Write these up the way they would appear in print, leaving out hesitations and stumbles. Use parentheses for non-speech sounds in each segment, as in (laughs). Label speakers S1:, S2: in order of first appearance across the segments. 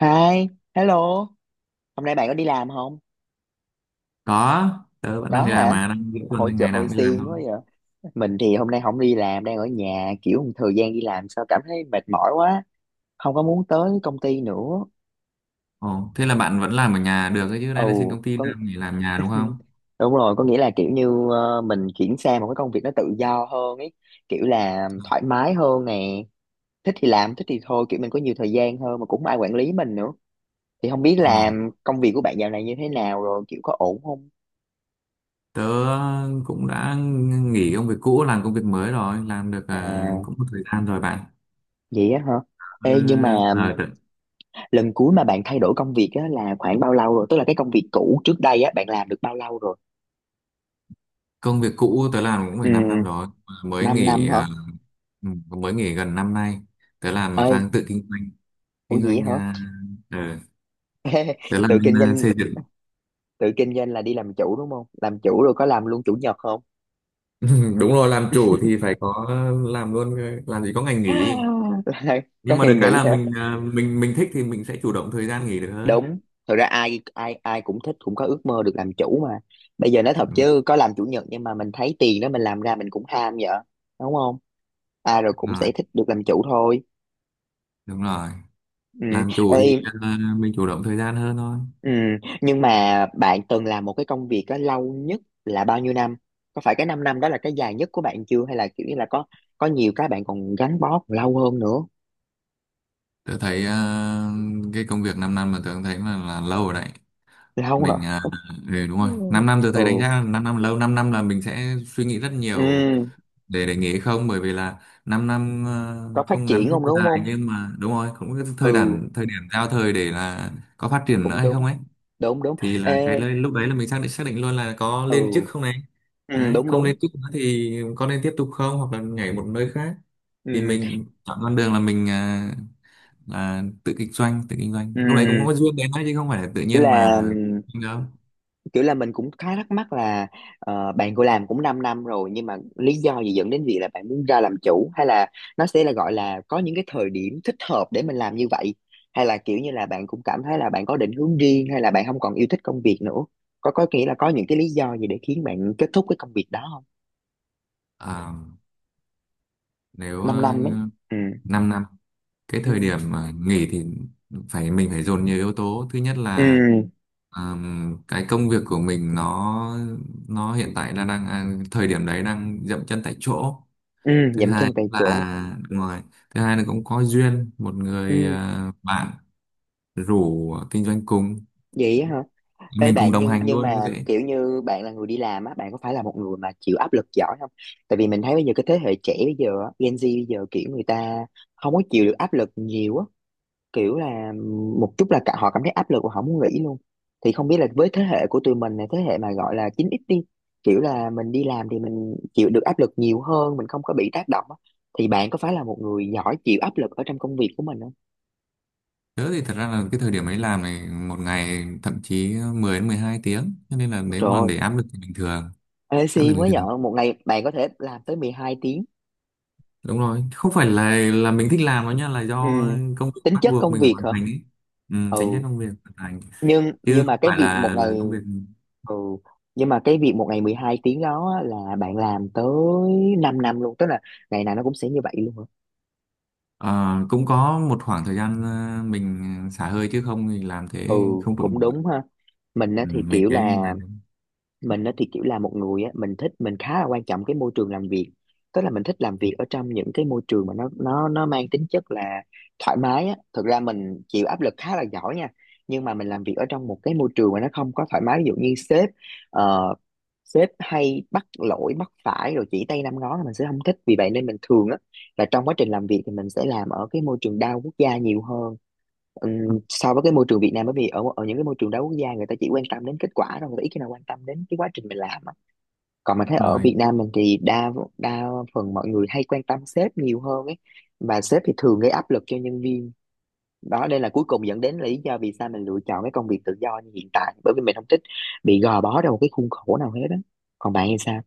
S1: Hi, hello. Hôm nay bạn có đi làm không?
S2: Có, tớ vẫn
S1: Có
S2: đang đi làm
S1: hả?
S2: mà đang giữa tuần
S1: Hồi
S2: nên
S1: trời
S2: ngày nào
S1: hồi
S2: cũng đi làm
S1: xiên
S2: thôi.
S1: quá vậy. Mình thì hôm nay không đi làm, đang ở nhà. Kiểu thời gian đi làm sao cảm thấy mệt mỏi quá. Không có muốn tới công ty nữa.
S2: Ồ, Thế là bạn vẫn làm ở nhà được ấy chứ, đây là xin
S1: Ồ,
S2: công ty làm nghỉ làm nhà đúng không?
S1: (laughs) Đúng rồi, có nghĩa là kiểu như mình chuyển sang một cái công việc nó tự do hơn ấy. Kiểu là thoải mái hơn nè. Thích thì làm, thích thì thôi. Kiểu mình có nhiều thời gian hơn mà cũng không ai quản lý mình nữa. Thì không biết
S2: ồ
S1: làm công việc của bạn dạo này như thế nào rồi, kiểu có ổn không?
S2: Tớ cũng đã nghỉ công việc cũ, làm công việc mới rồi, làm được
S1: À,
S2: cũng một thời gian rồi bạn.
S1: vậy á hả?
S2: Ờ,
S1: Ê, nhưng mà
S2: à, tớ-
S1: lần cuối mà bạn thay đổi công việc á là khoảng bao lâu rồi, tức là cái công việc cũ trước đây á bạn làm được bao lâu rồi?
S2: Công việc cũ tớ làm cũng phải 5 năm
S1: Ừ,
S2: rồi mới
S1: 5 năm
S2: nghỉ
S1: hả?
S2: mới nghỉ gần năm nay, tớ làm mà
S1: Ơi,
S2: sang tự kinh doanh.
S1: ủa
S2: Kinh
S1: gì?
S2: doanh ờ,
S1: Vậy hả?
S2: tớ
S1: (laughs)
S2: làm
S1: Tự
S2: bên
S1: kinh doanh.
S2: xây dựng.
S1: Tự kinh doanh là đi làm chủ đúng không? Làm chủ rồi có làm luôn chủ nhật không?
S2: (laughs) Đúng rồi, làm chủ thì phải có làm luôn, làm gì có ngày nghỉ.
S1: (laughs) Là có
S2: Nhưng mà
S1: ngày
S2: được cái
S1: nghỉ
S2: là
S1: hả?
S2: mình thích thì mình sẽ chủ động thời gian nghỉ được hơn.
S1: Đúng, thật ra ai ai ai cũng thích, cũng có ước mơ được làm chủ mà. Bây giờ nói thật
S2: Đúng
S1: chứ có làm chủ nhật nhưng mà mình thấy tiền đó mình làm ra mình cũng ham vậy, đúng không? Ai rồi cũng
S2: rồi.
S1: sẽ thích được làm chủ thôi.
S2: Đúng rồi,
S1: Ừ.
S2: làm chủ thì
S1: Ê,
S2: mình chủ động thời gian hơn thôi.
S1: ừ, nhưng mà bạn từng làm một cái công việc đó lâu nhất là bao nhiêu năm? Có phải cái 5 năm năm đó là cái dài nhất của bạn chưa, hay là kiểu như là có nhiều cái bạn còn gắn bó còn lâu hơn nữa?
S2: Tớ thấy cái công việc 5 năm mà tớ cũng thấy là lâu rồi đấy.
S1: Lâu hả?
S2: mình à,
S1: Ừ.
S2: Đúng rồi, 5
S1: (laughs)
S2: năm tớ
S1: Ừ.
S2: thấy đánh giá là 5 năm là lâu, 5 năm là mình sẽ suy nghĩ rất nhiều
S1: Ừ,
S2: để nghỉ hay không, bởi vì là 5 năm
S1: có phát
S2: không ngắn
S1: triển
S2: không
S1: không đúng
S2: dài,
S1: không?
S2: nhưng mà đúng rồi, cũng cái thời
S1: Ừ,
S2: điểm thời điểm giao thời để là có phát triển nữa
S1: cũng
S2: hay
S1: đúng.
S2: không ấy.
S1: Đúng đúng.
S2: Thì là cái
S1: Ê,
S2: lên lúc đấy là mình xác định luôn là có lên chức
S1: ừ,
S2: không này.
S1: ừ
S2: Đấy,
S1: đúng
S2: không
S1: đúng.
S2: lên chức nữa thì có nên tiếp tục không, hoặc là nhảy một nơi khác.
S1: Ừ,
S2: Thì mình chọn con đường là là tự kinh doanh
S1: ừ.
S2: lúc đấy cũng có duyên đến đấy chứ không phải là tự nhiên
S1: Là
S2: mà đâu.
S1: kiểu là mình cũng khá thắc mắc là bạn cô làm cũng 5 năm năm rồi nhưng mà lý do gì dẫn đến việc là bạn muốn ra làm chủ, hay là nó sẽ là gọi là có những cái thời điểm thích hợp để mình làm như vậy, hay là kiểu như là bạn cũng cảm thấy là bạn có định hướng riêng hay là bạn không còn yêu thích công việc nữa? Có nghĩa là có những cái lý do gì để khiến bạn kết thúc cái công việc đó không?
S2: À, nếu
S1: 5 năm năm ấy.
S2: 5
S1: Ừ
S2: năm năm, cái thời
S1: ừ
S2: điểm nghỉ thì mình phải dồn nhiều yếu tố. Thứ nhất là
S1: ừ
S2: cái công việc của mình nó hiện tại là đang thời điểm đấy đang dậm chân tại chỗ.
S1: ừ.
S2: thứ
S1: Dậm
S2: hai
S1: chân tại chỗ.
S2: là ngoài Thứ hai là cũng có duyên một người
S1: Ừ.
S2: bạn rủ kinh doanh cùng,
S1: Vậy á hả? Ê
S2: mình cùng
S1: bạn,
S2: đồng
S1: nhưng
S2: hành
S1: nhưng
S2: luôn như
S1: mà
S2: vậy.
S1: kiểu như bạn là người đi làm á, bạn có phải là một người mà chịu áp lực giỏi không? Tại vì mình thấy bây giờ cái thế hệ trẻ bây giờ, á, Gen Z bây giờ kiểu người ta không có chịu được áp lực nhiều á, kiểu là một chút là cả họ cảm thấy áp lực và họ muốn nghỉ luôn. Thì không biết là với thế hệ của tụi mình này, thế hệ mà gọi là 9X đi, kiểu là mình đi làm thì mình chịu được áp lực nhiều hơn, mình không có bị tác động á. Thì bạn có phải là một người giỏi chịu áp lực ở trong công việc của mình không?
S2: Tớ thì thật ra là cái thời điểm ấy làm này một ngày thậm chí 10 đến 12 tiếng, cho nên là nếu
S1: Trời
S2: mà
S1: ơi,
S2: để áp lực thì bình thường.
S1: ê,
S2: Áp lực
S1: si
S2: bình
S1: mới
S2: thường,
S1: giỏi, một ngày bạn có thể làm tới 12.
S2: đúng rồi, không phải là mình thích làm nó nha, là
S1: Ừ.
S2: do công việc
S1: Tính
S2: bắt
S1: chất
S2: buộc
S1: công
S2: mình phải
S1: việc
S2: hoàn
S1: hả?
S2: thành ấy. Ừ, tính chất
S1: Ừ,
S2: công việc hoàn thành,
S1: nhưng
S2: chứ
S1: nhưng mà
S2: không
S1: cái
S2: phải
S1: việc một
S2: là
S1: ngày...
S2: công việc.
S1: Ừ, nhưng mà cái việc một ngày 12 tiếng đó á, là bạn làm tới 5 năm luôn, tức là ngày nào nó cũng sẽ như vậy luôn hả?
S2: Ờ, cũng có một khoảng thời gian mình xả hơi chứ không thì làm
S1: Ừ,
S2: thế không trụ.
S1: cũng đúng ha. mình á
S2: Ừ,
S1: thì
S2: mình
S1: kiểu
S2: thấy là
S1: là
S2: đúng
S1: mình á thì kiểu là một người á, mình thích, mình khá là quan trọng cái môi trường làm việc, tức là mình thích làm việc ở trong những cái môi trường mà nó mang tính chất là thoải mái á, thực ra mình chịu áp lực khá là giỏi nha. Nhưng mà mình làm việc ở trong một cái môi trường mà nó không có thoải mái, ví dụ như sếp, ờ, sếp hay bắt lỗi bắt phải rồi chỉ tay năm ngón là mình sẽ không thích. Vì vậy nên mình thường á là trong quá trình làm việc thì mình sẽ làm ở cái môi trường đa quốc gia nhiều hơn. So với cái môi trường Việt Nam, bởi vì ở ở những cái môi trường đa quốc gia người ta chỉ quan tâm đến kết quả thôi, người ta ít khi nào quan tâm đến cái quá trình mình làm á. Còn mình thấy ở
S2: rồi.
S1: Việt Nam mình thì đa đa phần mọi người hay quan tâm sếp nhiều hơn ấy, và sếp thì thường gây áp lực cho nhân viên. Đó, đây là cuối cùng dẫn đến lý do vì sao mình lựa chọn cái công việc tự do như hiện tại, bởi vì mình không thích bị gò bó trong một cái khuôn khổ nào hết á. Còn bạn thì sao?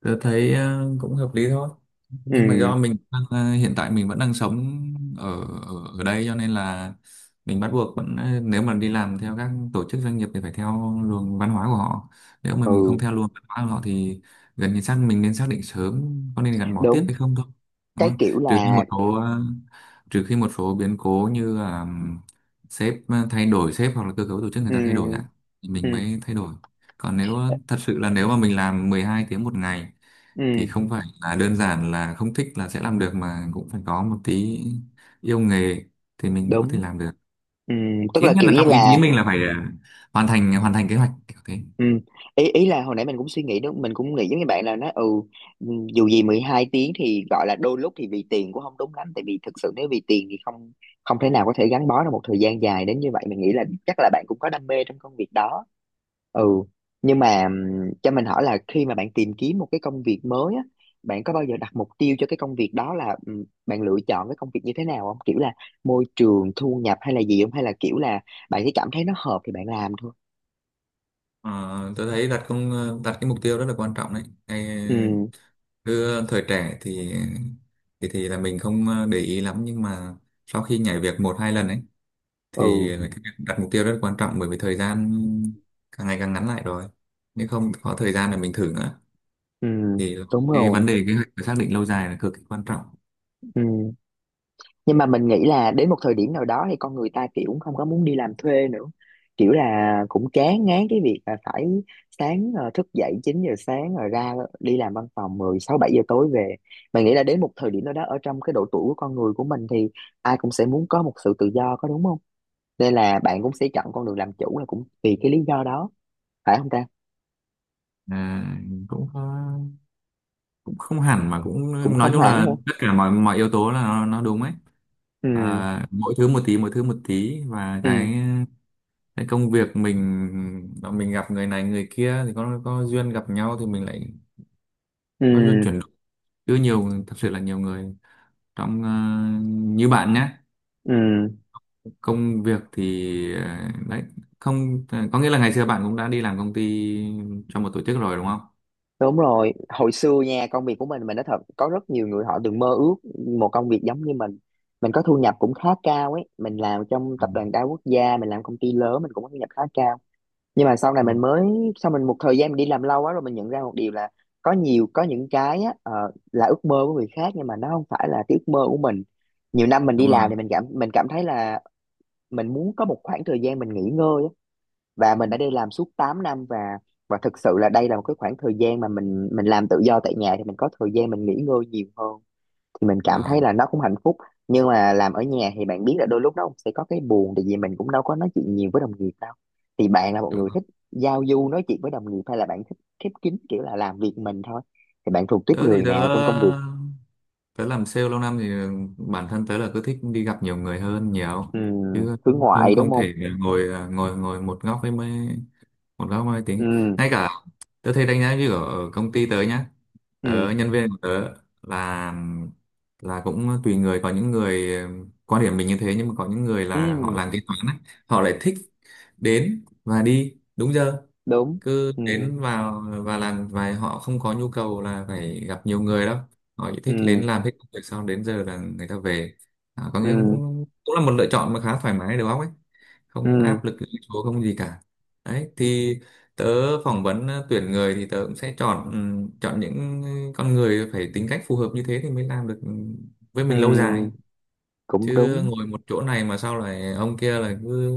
S2: Tôi thấy cũng hợp lý thôi, nhưng mà
S1: Ừ
S2: do mình đang, hiện tại mình vẫn đang sống ở ở, ở đây cho nên là mình bắt buộc vẫn, nếu mà đi làm theo các tổ chức doanh nghiệp thì phải theo luồng văn hóa của họ. Nếu mà mình không
S1: ừ
S2: theo luồng văn hóa của họ thì gần như xác định sớm có nên gắn bó tiếp
S1: đúng.
S2: hay không thôi, đúng
S1: Cái
S2: không?
S1: kiểu
S2: Trừ khi
S1: là
S2: một số biến cố như là thay đổi sếp hoặc là cơ cấu tổ chức người ta thay đổi
S1: ừ
S2: ạ, thì
S1: ừ
S2: mình mới thay đổi. Còn nếu thật sự là nếu mà mình làm 12 tiếng một ngày thì
S1: ừ
S2: không phải là đơn giản là không thích là sẽ làm được, mà cũng phải có một tí yêu nghề thì mình mới có thể
S1: đúng
S2: làm được.
S1: ừ, tức
S2: Ít
S1: là
S2: nhất
S1: kiểu
S2: là
S1: như
S2: trong ý chí
S1: là...
S2: mình là phải hoàn thành kế hoạch kiểu thế.
S1: Ừ. Ý, ý là hồi nãy mình cũng suy nghĩ đúng, mình cũng nghĩ giống như bạn là nó ừ ừ, dù gì 12 tiếng thì gọi là đôi lúc thì vì tiền cũng không đúng lắm, tại vì thực sự nếu vì tiền thì không không thể nào có thể gắn bó được một thời gian dài đến như vậy. Mình nghĩ là chắc là bạn cũng có đam mê trong công việc đó. Ừ, nhưng mà cho mình hỏi là khi mà bạn tìm kiếm một cái công việc mới á, bạn có bao giờ đặt mục tiêu cho cái công việc đó là bạn lựa chọn cái công việc như thế nào không, kiểu là môi trường, thu nhập, hay là gì không, hay là kiểu là bạn chỉ cảm thấy nó hợp thì bạn làm thôi?
S2: Ờ, tôi thấy đặt cái mục tiêu rất là quan trọng đấy. Ngay
S1: Ừ,
S2: cứ thời trẻ thì thì là mình không để ý lắm, nhưng mà sau khi nhảy việc một hai lần ấy thì
S1: ừ,
S2: cái việc đặt mục tiêu rất quan trọng, bởi vì thời gian càng ngày càng ngắn lại rồi, nếu không có thời gian để mình thử nữa
S1: Ừ,
S2: thì
S1: đúng
S2: cái vấn
S1: rồi.
S2: đề kế hoạch và xác định lâu dài là cực kỳ quan trọng.
S1: Ừ. Nhưng mà mình nghĩ là đến một thời điểm nào đó thì con người ta kiểu không có muốn đi làm thuê nữa. Kiểu là cũng chán ngán cái việc là phải sáng thức dậy 9 giờ sáng rồi ra đi làm văn phòng 10 6 7 giờ tối về. Mình nghĩ là đến một thời điểm nào đó ở trong cái độ tuổi của con người của mình thì ai cũng sẽ muốn có một sự tự do, có đúng không? Nên là bạn cũng sẽ chọn con đường làm chủ là cũng vì cái lý do đó, phải không ta?
S2: à, cũng có- Cũng không hẳn, mà cũng
S1: Cũng
S2: nói
S1: không
S2: chung
S1: hẳn
S2: là
S1: hả?
S2: tất cả mọi mọi yếu tố là nó đúng ấy.
S1: Ừ,
S2: Mỗi thứ một tí, và
S1: ừ,
S2: cái công việc mình gặp người này người kia thì có duyên gặp nhau thì mình lại có duyên
S1: ừ,
S2: chuyển đổi. Chứ nhiều, thật sự là nhiều người trong như bạn nhé,
S1: ừ.
S2: công việc thì đấy, không ờ, có nghĩa là ngày xưa bạn cũng đã đi làm công ty cho một tổ chức rồi đúng không?
S1: Đúng rồi, hồi xưa nha, công việc của mình nói thật có rất nhiều người họ từng mơ ước một công việc giống như mình. Mình có thu nhập cũng khá cao ấy, mình làm trong
S2: Ừ,
S1: tập đoàn đa quốc gia, mình làm công ty lớn, mình cũng có thu nhập khá cao. Nhưng mà sau này
S2: ừ,
S1: mình mới, sau mình một thời gian mình đi làm lâu quá rồi, mình nhận ra một điều là có những cái á là ước mơ của người khác nhưng mà nó không phải là cái ước mơ của mình. Nhiều năm mình đi
S2: đúng rồi.
S1: làm thì mình cảm thấy là mình muốn có một khoảng thời gian mình nghỉ ngơi á, và mình đã đi làm suốt 8 năm và thực sự là đây là một cái khoảng thời gian mà mình làm tự do tại nhà thì mình có thời gian mình nghỉ ngơi nhiều hơn, thì mình cảm thấy
S2: Ờ,
S1: là nó cũng hạnh phúc. Nhưng mà làm ở nhà thì bạn biết là đôi lúc nó cũng sẽ có cái buồn, tại vì mình cũng đâu có nói chuyện nhiều với đồng nghiệp đâu. Thì bạn là một
S2: đúng
S1: người
S2: rồi.
S1: thích giao du nói chuyện với đồng nghiệp hay là bạn thích khép kín, kiểu là làm việc mình thôi? Thì bạn thuộc tiếp
S2: tớ thì
S1: người
S2: tớ
S1: nào trong công việc?
S2: tớ làm sale lâu năm thì bản thân tớ là cứ thích đi gặp nhiều người hơn, nhiều
S1: Ừ,
S2: chứ,
S1: hướng
S2: không
S1: ngoại đúng
S2: không
S1: không?
S2: thể ngồi ngồi ngồi một góc với mấy một giáo mai tiếng.
S1: Ừ,
S2: Ngay cả tớ thấy đánh giá như ở ở công ty tớ nhá,
S1: ừ,
S2: nhân viên của tớ là là cũng tùy người, có những người quan điểm mình như thế. Nhưng mà có những người là họ
S1: ừ,
S2: làm kế toán á, họ lại thích đến và đi đúng giờ,
S1: đúng
S2: cứ
S1: ừ,
S2: đến vào và làm vài, họ không có nhu cầu là phải gặp nhiều người đâu, họ chỉ thích đến
S1: ừ,
S2: làm hết công việc xong đến giờ là người ta về. Có nghĩa
S1: ừ,
S2: cũng cũng là một lựa chọn mà khá thoải mái đầu óc ấy, không
S1: ừ,
S2: áp lực lên số không gì cả. Đấy thì tớ phỏng vấn tuyển người thì tớ cũng sẽ chọn, chọn những con người phải tính cách phù hợp như thế thì mới làm được với
S1: ừ,
S2: mình lâu dài.
S1: cũng
S2: Chứ
S1: đúng.
S2: ngồi một chỗ này mà sao lại ông kia lại cứ,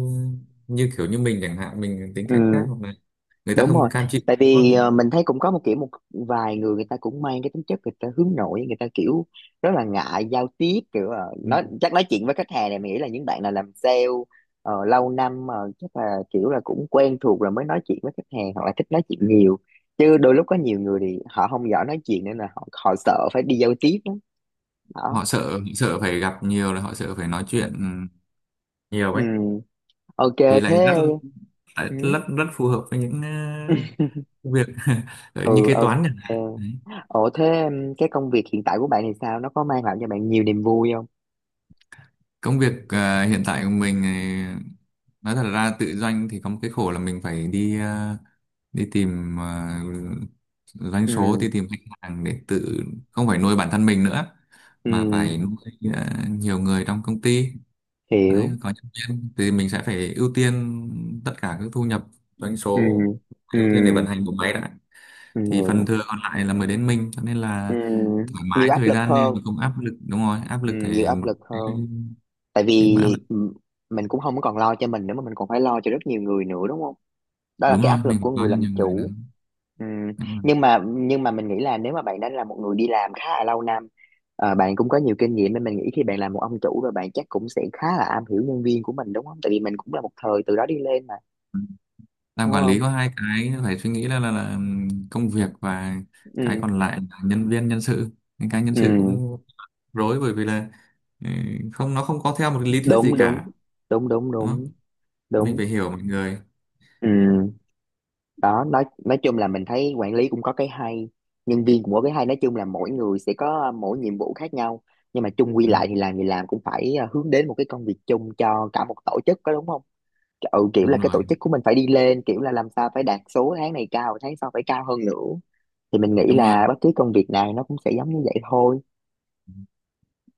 S2: như kiểu như mình chẳng hạn, mình tính cách khác,
S1: Ừ,
S2: hoặc là người ta
S1: đúng rồi.
S2: không cam chịu.
S1: Tại vì mình thấy cũng có một kiểu một vài người, người ta cũng mang cái tính chất người ta hướng nội, người ta kiểu rất là ngại giao tiếp, kiểu
S2: Ừ.
S1: nói chuyện với khách hàng này. Mình nghĩ là những bạn nào làm sale lâu năm chắc là kiểu là cũng quen thuộc rồi mới nói chuyện với khách hàng hoặc là thích nói chuyện nhiều. Chứ đôi lúc có nhiều người thì họ không giỏi nói chuyện nên là họ sợ phải đi giao tiếp lắm. Đó.
S2: Họ sợ sợ phải gặp nhiều, là họ sợ phải nói chuyện nhiều
S1: Ừ.
S2: ấy,
S1: Ok
S2: thì
S1: thế.
S2: lại
S1: Ừ.
S2: rất rất phù hợp với những ờ, việc (laughs) như
S1: Ừ
S2: kế toán chẳng
S1: ok.
S2: hạn. Đấy.
S1: Ủa thế cái công việc hiện tại của bạn thì sao? Nó có mang lại cho bạn nhiều niềm vui không?
S2: Công việc hiện tại của mình thì nói thật ra tự doanh thì có một cái khổ là mình phải đi, đi tìm doanh số,
S1: Ừ,
S2: đi tìm khách hàng để tự, không phải nuôi bản thân mình nữa,
S1: ừ,
S2: mà phải nuôi nhiều người trong công ty.
S1: hiểu.
S2: Đấy, có nhân viên thì mình sẽ phải ưu tiên tất cả các thu nhập, doanh
S1: Ừ,
S2: số,
S1: ừ,
S2: ưu tiên để vận hành bộ máy đã, thì phần
S1: ừ,
S2: thừa còn lại là mới đến mình, cho nên
S1: ừ.
S2: là thoải mái
S1: Nhiều áp
S2: thời
S1: lực
S2: gian
S1: hơn.
S2: nên mà không áp lực. Đúng rồi, áp
S1: Ừ,
S2: lực
S1: nhiều
S2: thì
S1: áp
S2: một
S1: lực
S2: cái
S1: hơn. Tại
S2: cái
S1: vì
S2: mà áp lực
S1: ừ, mình cũng không còn lo cho mình nữa mà mình còn phải lo cho rất nhiều người nữa đúng không? Đó là
S2: đúng
S1: cái
S2: rồi,
S1: áp
S2: mình
S1: lực
S2: phải
S1: của
S2: coi
S1: người
S2: cho
S1: làm
S2: nhiều người nữa.
S1: chủ. Ừm,
S2: Em ơi.
S1: nhưng mà mình nghĩ là nếu mà bạn đã là một người đi làm khá là lâu năm, bạn cũng có nhiều kinh nghiệm, nên mình nghĩ khi bạn là một ông chủ và bạn chắc cũng sẽ khá là am hiểu nhân viên của mình đúng không? Tại vì mình cũng là một thời từ đó đi lên mà,
S2: Làm
S1: đúng
S2: quản lý
S1: không?
S2: có hai cái phải suy nghĩ là, là công việc và cái
S1: Ừ,
S2: còn lại là nhân viên, nhân sự. Những cái nhân sự
S1: ừ,
S2: cũng rối bởi vì là ừ, không, nó không có theo một cái lý thuyết gì
S1: đúng đúng
S2: cả,
S1: đúng đúng
S2: đúng không?
S1: đúng
S2: Mình
S1: đúng.
S2: phải hiểu mọi người.
S1: Ừ. Đó, nói chung là mình thấy quản lý cũng có cái hay, nhân viên cũng có cái hay. Nói chung là mỗi người sẽ có mỗi nhiệm vụ khác nhau, nhưng mà chung quy
S2: Ừ,
S1: lại thì làm gì làm cũng phải hướng đến một cái công việc chung cho cả một tổ chức, có đúng không? Ừ, kiểu là
S2: đúng
S1: cái
S2: rồi,
S1: tổ chức của mình phải đi lên, kiểu là làm sao phải đạt số tháng này cao, tháng sau phải cao hơn nữa. Thì mình nghĩ
S2: đúng rồi.
S1: là bất cứ công việc nào nó cũng sẽ giống như vậy thôi.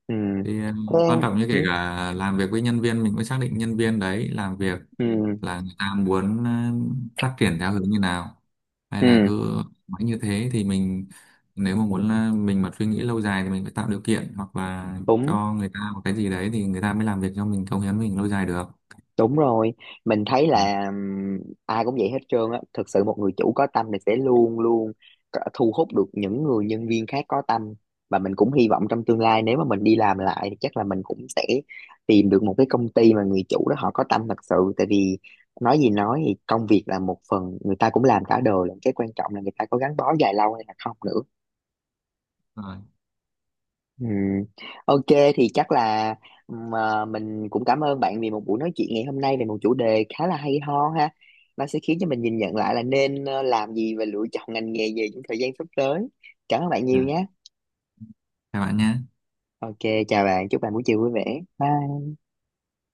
S1: Ừ.
S2: Thì
S1: Thế.
S2: quan trọng như kể
S1: Ừ,
S2: cả làm việc với nhân viên, mình cũng xác định nhân viên đấy làm việc
S1: ừ,
S2: là người ta muốn phát triển theo hướng như nào, hay là
S1: ừ.
S2: cứ mãi như thế. Thì mình, nếu mà muốn, mình mà suy nghĩ lâu dài thì mình phải tạo điều kiện hoặc là
S1: Đúng.
S2: cho người ta một cái gì đấy, thì người ta mới làm việc cho mình, cống hiến mình lâu dài được.
S1: Đúng rồi, mình thấy
S2: Ừ.
S1: là ai cũng vậy hết trơn á. Thực sự một người chủ có tâm thì sẽ luôn luôn thu hút được những người nhân viên khác có tâm. Và mình cũng hy vọng trong tương lai nếu mà mình đi làm lại thì chắc là mình cũng sẽ tìm được một cái công ty mà người chủ đó họ có tâm thật sự. Tại vì nói gì nói thì công việc là một phần người ta cũng làm cả đời, là cái quan trọng là người ta có gắn bó dài lâu hay là không nữa.
S2: Rồi,
S1: Ừ. Ok, thì chắc là mình cũng cảm ơn bạn vì một buổi nói chuyện ngày hôm nay về một chủ đề khá là hay ho ha. Nó sẽ khiến cho mình nhìn nhận lại là nên làm gì và lựa chọn ngành nghề gì trong thời gian sắp tới. Cảm ơn bạn
S2: à,
S1: nhiều nhé.
S2: chào bạn nhé.
S1: Ok, chào bạn, chúc bạn buổi chiều vui vẻ. Bye.